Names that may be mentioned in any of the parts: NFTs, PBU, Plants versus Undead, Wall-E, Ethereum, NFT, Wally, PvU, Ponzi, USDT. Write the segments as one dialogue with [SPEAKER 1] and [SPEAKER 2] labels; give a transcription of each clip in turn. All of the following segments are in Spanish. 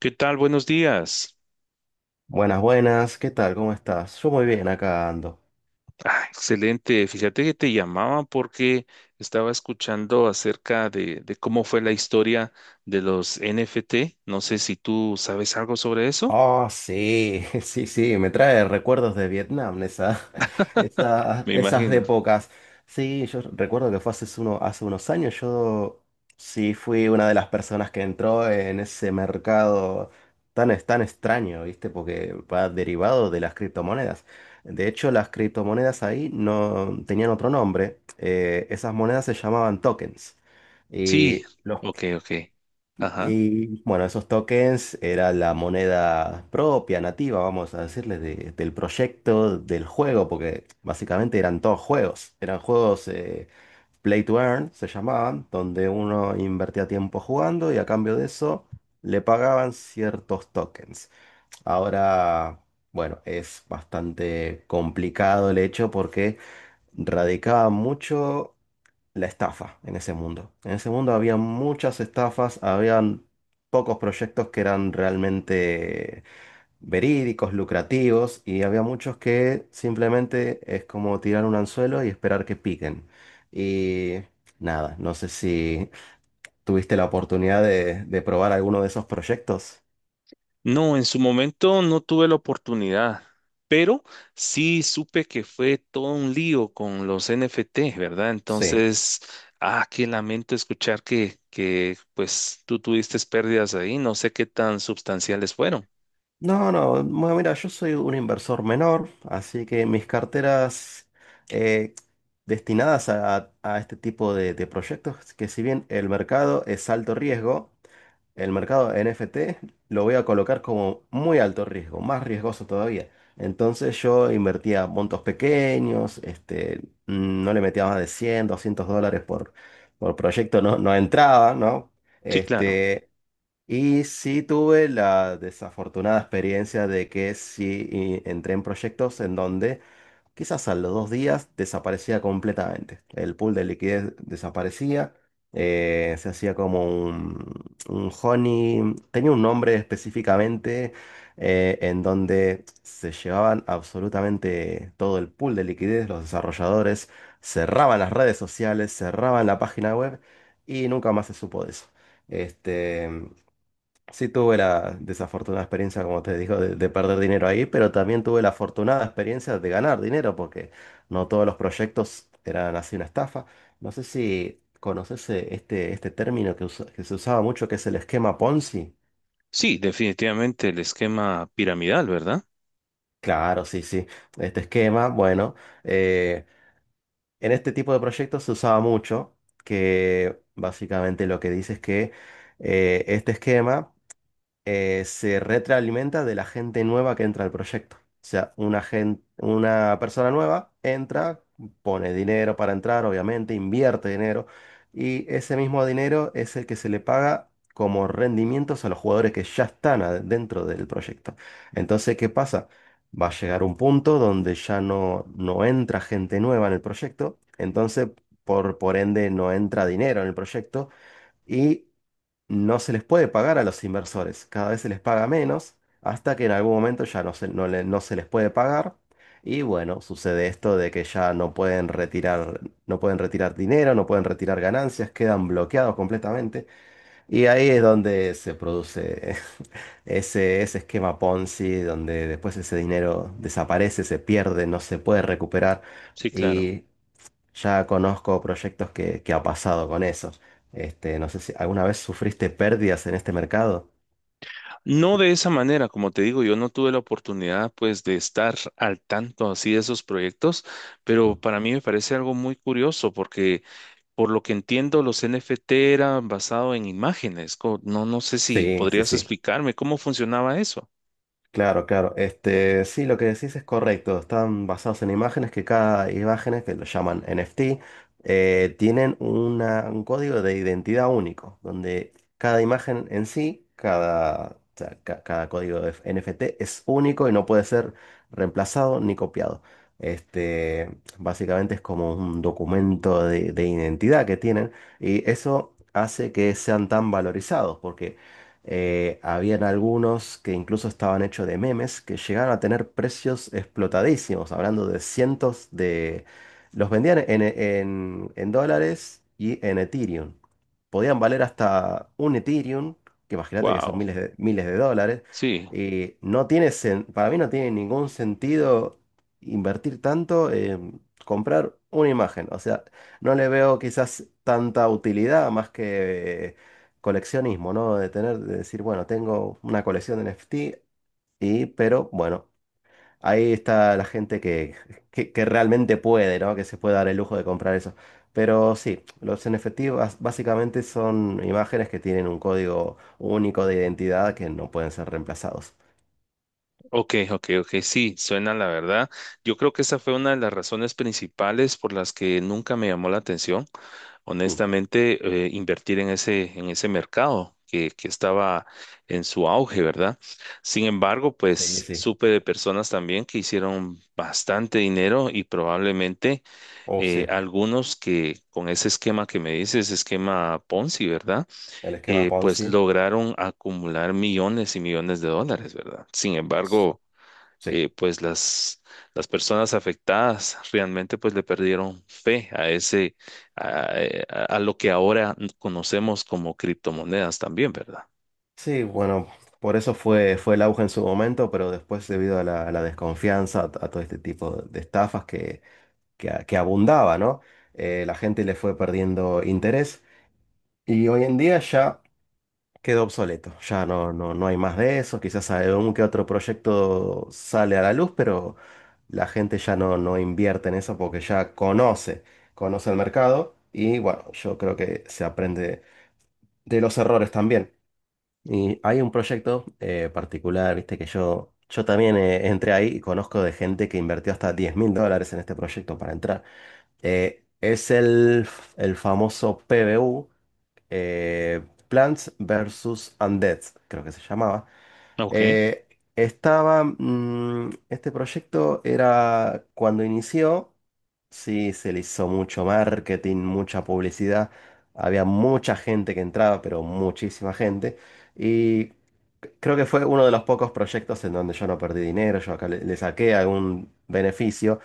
[SPEAKER 1] ¿Qué tal? Buenos días.
[SPEAKER 2] Buenas, buenas, ¿qué tal? ¿Cómo estás? Yo muy bien, acá ando.
[SPEAKER 1] Ah, excelente. Fíjate que te llamaba porque estaba escuchando acerca de cómo fue la historia de los NFT. No sé si tú sabes algo sobre eso.
[SPEAKER 2] Oh, sí, sí, sí, me trae recuerdos de Vietnam,
[SPEAKER 1] Me
[SPEAKER 2] esas
[SPEAKER 1] imagino.
[SPEAKER 2] épocas. Sí, yo recuerdo que fue hace unos años, yo sí fui una de las personas que entró en ese mercado tan extraño, ¿viste? Porque va derivado de las criptomonedas. De hecho, las criptomonedas ahí no tenían otro nombre. Esas monedas se llamaban tokens.
[SPEAKER 1] Sí.
[SPEAKER 2] Y los
[SPEAKER 1] Ok, ok. Ajá.
[SPEAKER 2] Y bueno, esos tokens era la moneda propia, nativa, vamos a decirle, del proyecto, del juego, porque básicamente eran todos juegos. Eran juegos play to earn, se llamaban, donde uno invertía tiempo jugando y a cambio de eso le pagaban ciertos tokens. Ahora, bueno, es bastante complicado el hecho porque radicaba mucho la estafa en ese mundo. En ese mundo había muchas estafas, habían pocos proyectos que eran realmente verídicos, lucrativos, y había muchos que simplemente es como tirar un anzuelo y esperar que piquen. Y nada, no sé si tuviste la oportunidad de probar alguno de esos proyectos.
[SPEAKER 1] No, en su momento no tuve la oportunidad, pero sí supe que fue todo un lío con los NFTs, ¿verdad?
[SPEAKER 2] Sí.
[SPEAKER 1] Entonces, ah, qué lamento escuchar que pues tú tuviste pérdidas ahí, no sé qué tan sustanciales fueron.
[SPEAKER 2] No, no, bueno, mira, yo soy un inversor menor, así que mis carteras eh, destinadas a este tipo de proyectos, que si bien el mercado es alto riesgo, el mercado NFT lo voy a colocar como muy alto riesgo, más riesgoso todavía. Entonces yo invertía montos pequeños, este, no le metía más de 100, $200 por proyecto, no, no entraba, ¿no?
[SPEAKER 1] Sí, claro.
[SPEAKER 2] Este, y sí tuve la desafortunada experiencia de que sí y entré en proyectos en donde quizás a los 2 días desaparecía completamente. El pool de liquidez desaparecía, se hacía como un honey, tenía un nombre específicamente en donde se llevaban absolutamente todo el pool de liquidez, los desarrolladores cerraban las redes sociales, cerraban la página web y nunca más se supo de eso. Este, sí, tuve la desafortunada experiencia, como te digo, de perder dinero ahí, pero también tuve la afortunada experiencia de ganar dinero, porque no todos los proyectos eran así una estafa. No sé si conoces este término que se usaba mucho, que es el esquema Ponzi.
[SPEAKER 1] Sí, definitivamente el esquema piramidal, ¿verdad?
[SPEAKER 2] Claro, sí, sí. Este esquema, bueno, eh, en este tipo de proyectos se usaba mucho, que básicamente lo que dice es que este esquema se retroalimenta de la gente nueva que entra al proyecto. O sea, una persona nueva entra, pone dinero para entrar, obviamente, invierte dinero, y ese mismo dinero es el que se le paga como rendimientos a los jugadores que ya están dentro del proyecto. Entonces, ¿qué pasa? Va a llegar un punto donde ya no entra gente nueva en el proyecto, entonces, por ende, no entra dinero en el proyecto. Y no se les puede pagar a los inversores, cada vez se les paga menos, hasta que en algún momento no se les puede pagar. Y bueno, sucede esto de que ya no pueden retirar, no pueden retirar dinero, no pueden retirar ganancias, quedan bloqueados completamente. Y ahí es donde se produce ese esquema Ponzi, donde después ese dinero desaparece, se pierde, no se puede recuperar.
[SPEAKER 1] Sí, claro.
[SPEAKER 2] Ya conozco proyectos que ha pasado con esos. Este, no sé si alguna vez sufriste pérdidas en este mercado.
[SPEAKER 1] No de esa manera, como te digo, yo no tuve la oportunidad pues de estar al tanto así de esos proyectos, pero
[SPEAKER 2] Mm.
[SPEAKER 1] para mí me parece algo muy curioso porque, por lo que entiendo, los NFT eran basados en imágenes. No, no sé si
[SPEAKER 2] Sí, sí,
[SPEAKER 1] podrías
[SPEAKER 2] sí.
[SPEAKER 1] explicarme cómo funcionaba eso.
[SPEAKER 2] Claro, claro. Este, sí, lo que decís es correcto. Están basados en imágenes que cada imágenes, que lo llaman NFT, tienen un código de identidad único, donde cada imagen en sí, o sea, cada código de NFT es único y no puede ser reemplazado ni copiado. Este, básicamente es como un documento de identidad que tienen y eso hace que sean tan valorizados, porque habían algunos que incluso estaban hechos de memes que llegaron a tener precios explotadísimos, hablando de cientos de... Los vendían en dólares y en Ethereum. Podían valer hasta un Ethereum, que imagínate que son
[SPEAKER 1] Wow.
[SPEAKER 2] miles de dólares.
[SPEAKER 1] Sí.
[SPEAKER 2] Y no tiene, para mí no tiene ningún sentido invertir tanto en comprar una imagen. O sea, no le veo quizás tanta utilidad más que coleccionismo, ¿no? De tener, de decir, bueno, tengo una colección de NFT pero bueno, ahí está la gente que realmente puede, ¿no? Que se puede dar el lujo de comprar eso. Pero sí, los NFT básicamente son imágenes que tienen un código único de identidad que no pueden ser reemplazados.
[SPEAKER 1] Ok, ok, ok. Sí, suena la verdad. Yo creo que esa fue una de las razones principales por las que nunca me llamó la atención,
[SPEAKER 2] Mm.
[SPEAKER 1] honestamente, invertir en ese mercado que estaba en su auge, ¿verdad? Sin embargo,
[SPEAKER 2] Sí, sí,
[SPEAKER 1] pues
[SPEAKER 2] sí.
[SPEAKER 1] supe de personas también que hicieron bastante dinero y probablemente
[SPEAKER 2] Oh, sí.
[SPEAKER 1] algunos que con ese esquema que me dices, esquema Ponzi, ¿verdad?
[SPEAKER 2] El esquema
[SPEAKER 1] Pues
[SPEAKER 2] Ponzi.
[SPEAKER 1] lograron acumular millones y millones de dólares, ¿verdad? Sin embargo,
[SPEAKER 2] Sí.
[SPEAKER 1] pues las personas afectadas realmente pues le perdieron fe a ese, a lo que ahora conocemos como criptomonedas también, ¿verdad?
[SPEAKER 2] Sí, bueno, por eso fue el auge en su momento, pero después debido a la desconfianza, a todo este tipo de estafas que abundaba, ¿no? La gente le fue perdiendo interés y hoy en día ya quedó obsoleto, ya no hay más de eso, quizás algún que otro proyecto sale a la luz, pero la gente ya no invierte en eso porque ya conoce el mercado y bueno, yo creo que se aprende de los errores también. Y hay un proyecto particular, viste, que yo también entré ahí y conozco de gente que invirtió hasta $10.000 en este proyecto para entrar. Es el famoso PvU, eh, Plants versus Undead, creo que se llamaba.
[SPEAKER 1] Ok, ¿de
[SPEAKER 2] Eh, este proyecto era cuando inició, sí, se le hizo mucho marketing, mucha publicidad, había mucha gente que entraba, pero muchísima gente, y creo que fue uno de los pocos proyectos en donde yo no perdí dinero, yo acá le saqué algún beneficio.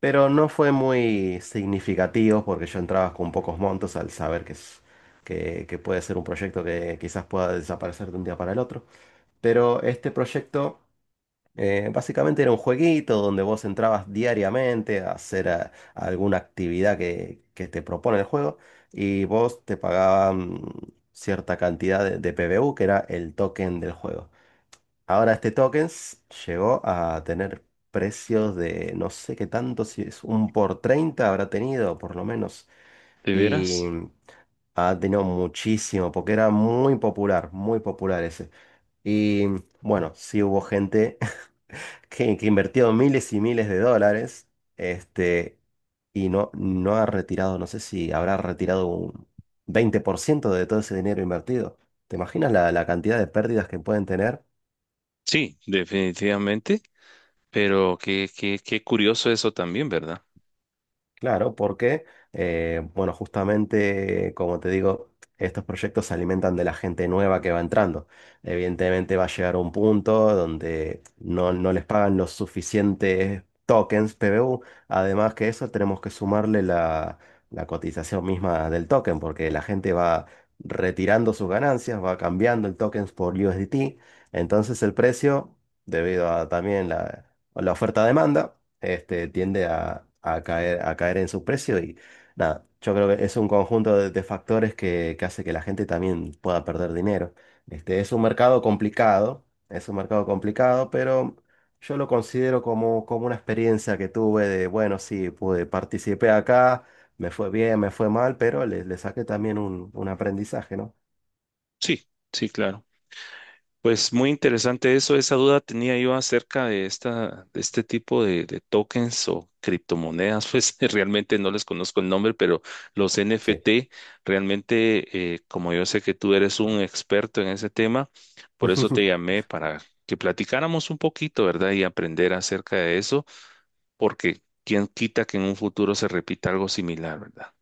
[SPEAKER 2] Pero no fue muy significativo porque yo entraba con pocos montos al saber que puede ser un proyecto que quizás pueda desaparecer de un día para el otro. Pero este proyecto básicamente era un jueguito donde vos entrabas diariamente a hacer alguna actividad que te propone el juego y vos te pagaban cierta cantidad de PBU, que era el token del juego. Ahora este tokens llegó a tener precios de no sé qué tanto, si es un por 30 habrá tenido por lo menos. Y
[SPEAKER 1] veras?
[SPEAKER 2] ha tenido muchísimo, porque era muy popular ese. Y bueno, sí hubo gente que invirtió miles y miles de dólares, este, y no ha retirado, no sé si habrá retirado un 20% de todo ese dinero invertido. ¿Te imaginas la cantidad de pérdidas que pueden tener?
[SPEAKER 1] Sí, definitivamente, pero qué, qué, qué curioso eso también, ¿verdad?
[SPEAKER 2] Claro, porque, bueno, justamente, como te digo, estos proyectos se alimentan de la gente nueva que va entrando. Evidentemente va a llegar un punto donde no les pagan los suficientes tokens PBU. Además que eso, tenemos que sumarle la cotización misma del token, porque la gente va retirando sus ganancias, va cambiando el token por USDT. Entonces el precio, debido a también la oferta-demanda, este, tiende a caer, en su precio y nada, yo creo que es un conjunto de factores que hace que la gente también pueda perder dinero. Este, es un mercado complicado, es un mercado complicado, pero yo lo considero como, como una experiencia que tuve bueno, sí, pude, participé acá, me fue bien, me fue mal, pero le saqué también un aprendizaje, ¿no?
[SPEAKER 1] Sí, sí, claro. Pues muy interesante eso. Esa duda tenía yo acerca de esta, de este tipo de tokens o criptomonedas. Pues realmente no les conozco el nombre, pero los
[SPEAKER 2] Sí.
[SPEAKER 1] NFT, realmente, como yo sé que tú eres un experto en ese tema, por eso te llamé para que platicáramos un poquito, ¿verdad? Y aprender acerca de eso, porque quién quita que en un futuro se repita algo similar, ¿verdad?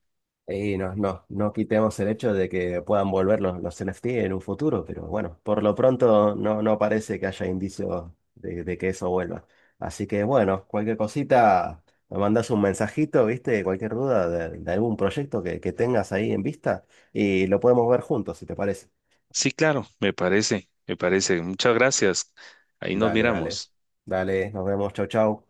[SPEAKER 2] Y no, no quitemos el hecho de que puedan volver los NFT en un futuro, pero bueno, por lo pronto no parece que haya indicios de que eso vuelva. Así que bueno, cualquier cosita, me mandas un mensajito, ¿viste? Cualquier duda de algún proyecto que tengas ahí en vista y lo podemos ver juntos, si te parece.
[SPEAKER 1] Sí, claro, me parece, me parece. Muchas gracias. Ahí nos
[SPEAKER 2] Dale, dale.
[SPEAKER 1] miramos.
[SPEAKER 2] Dale, nos vemos, chau, chau.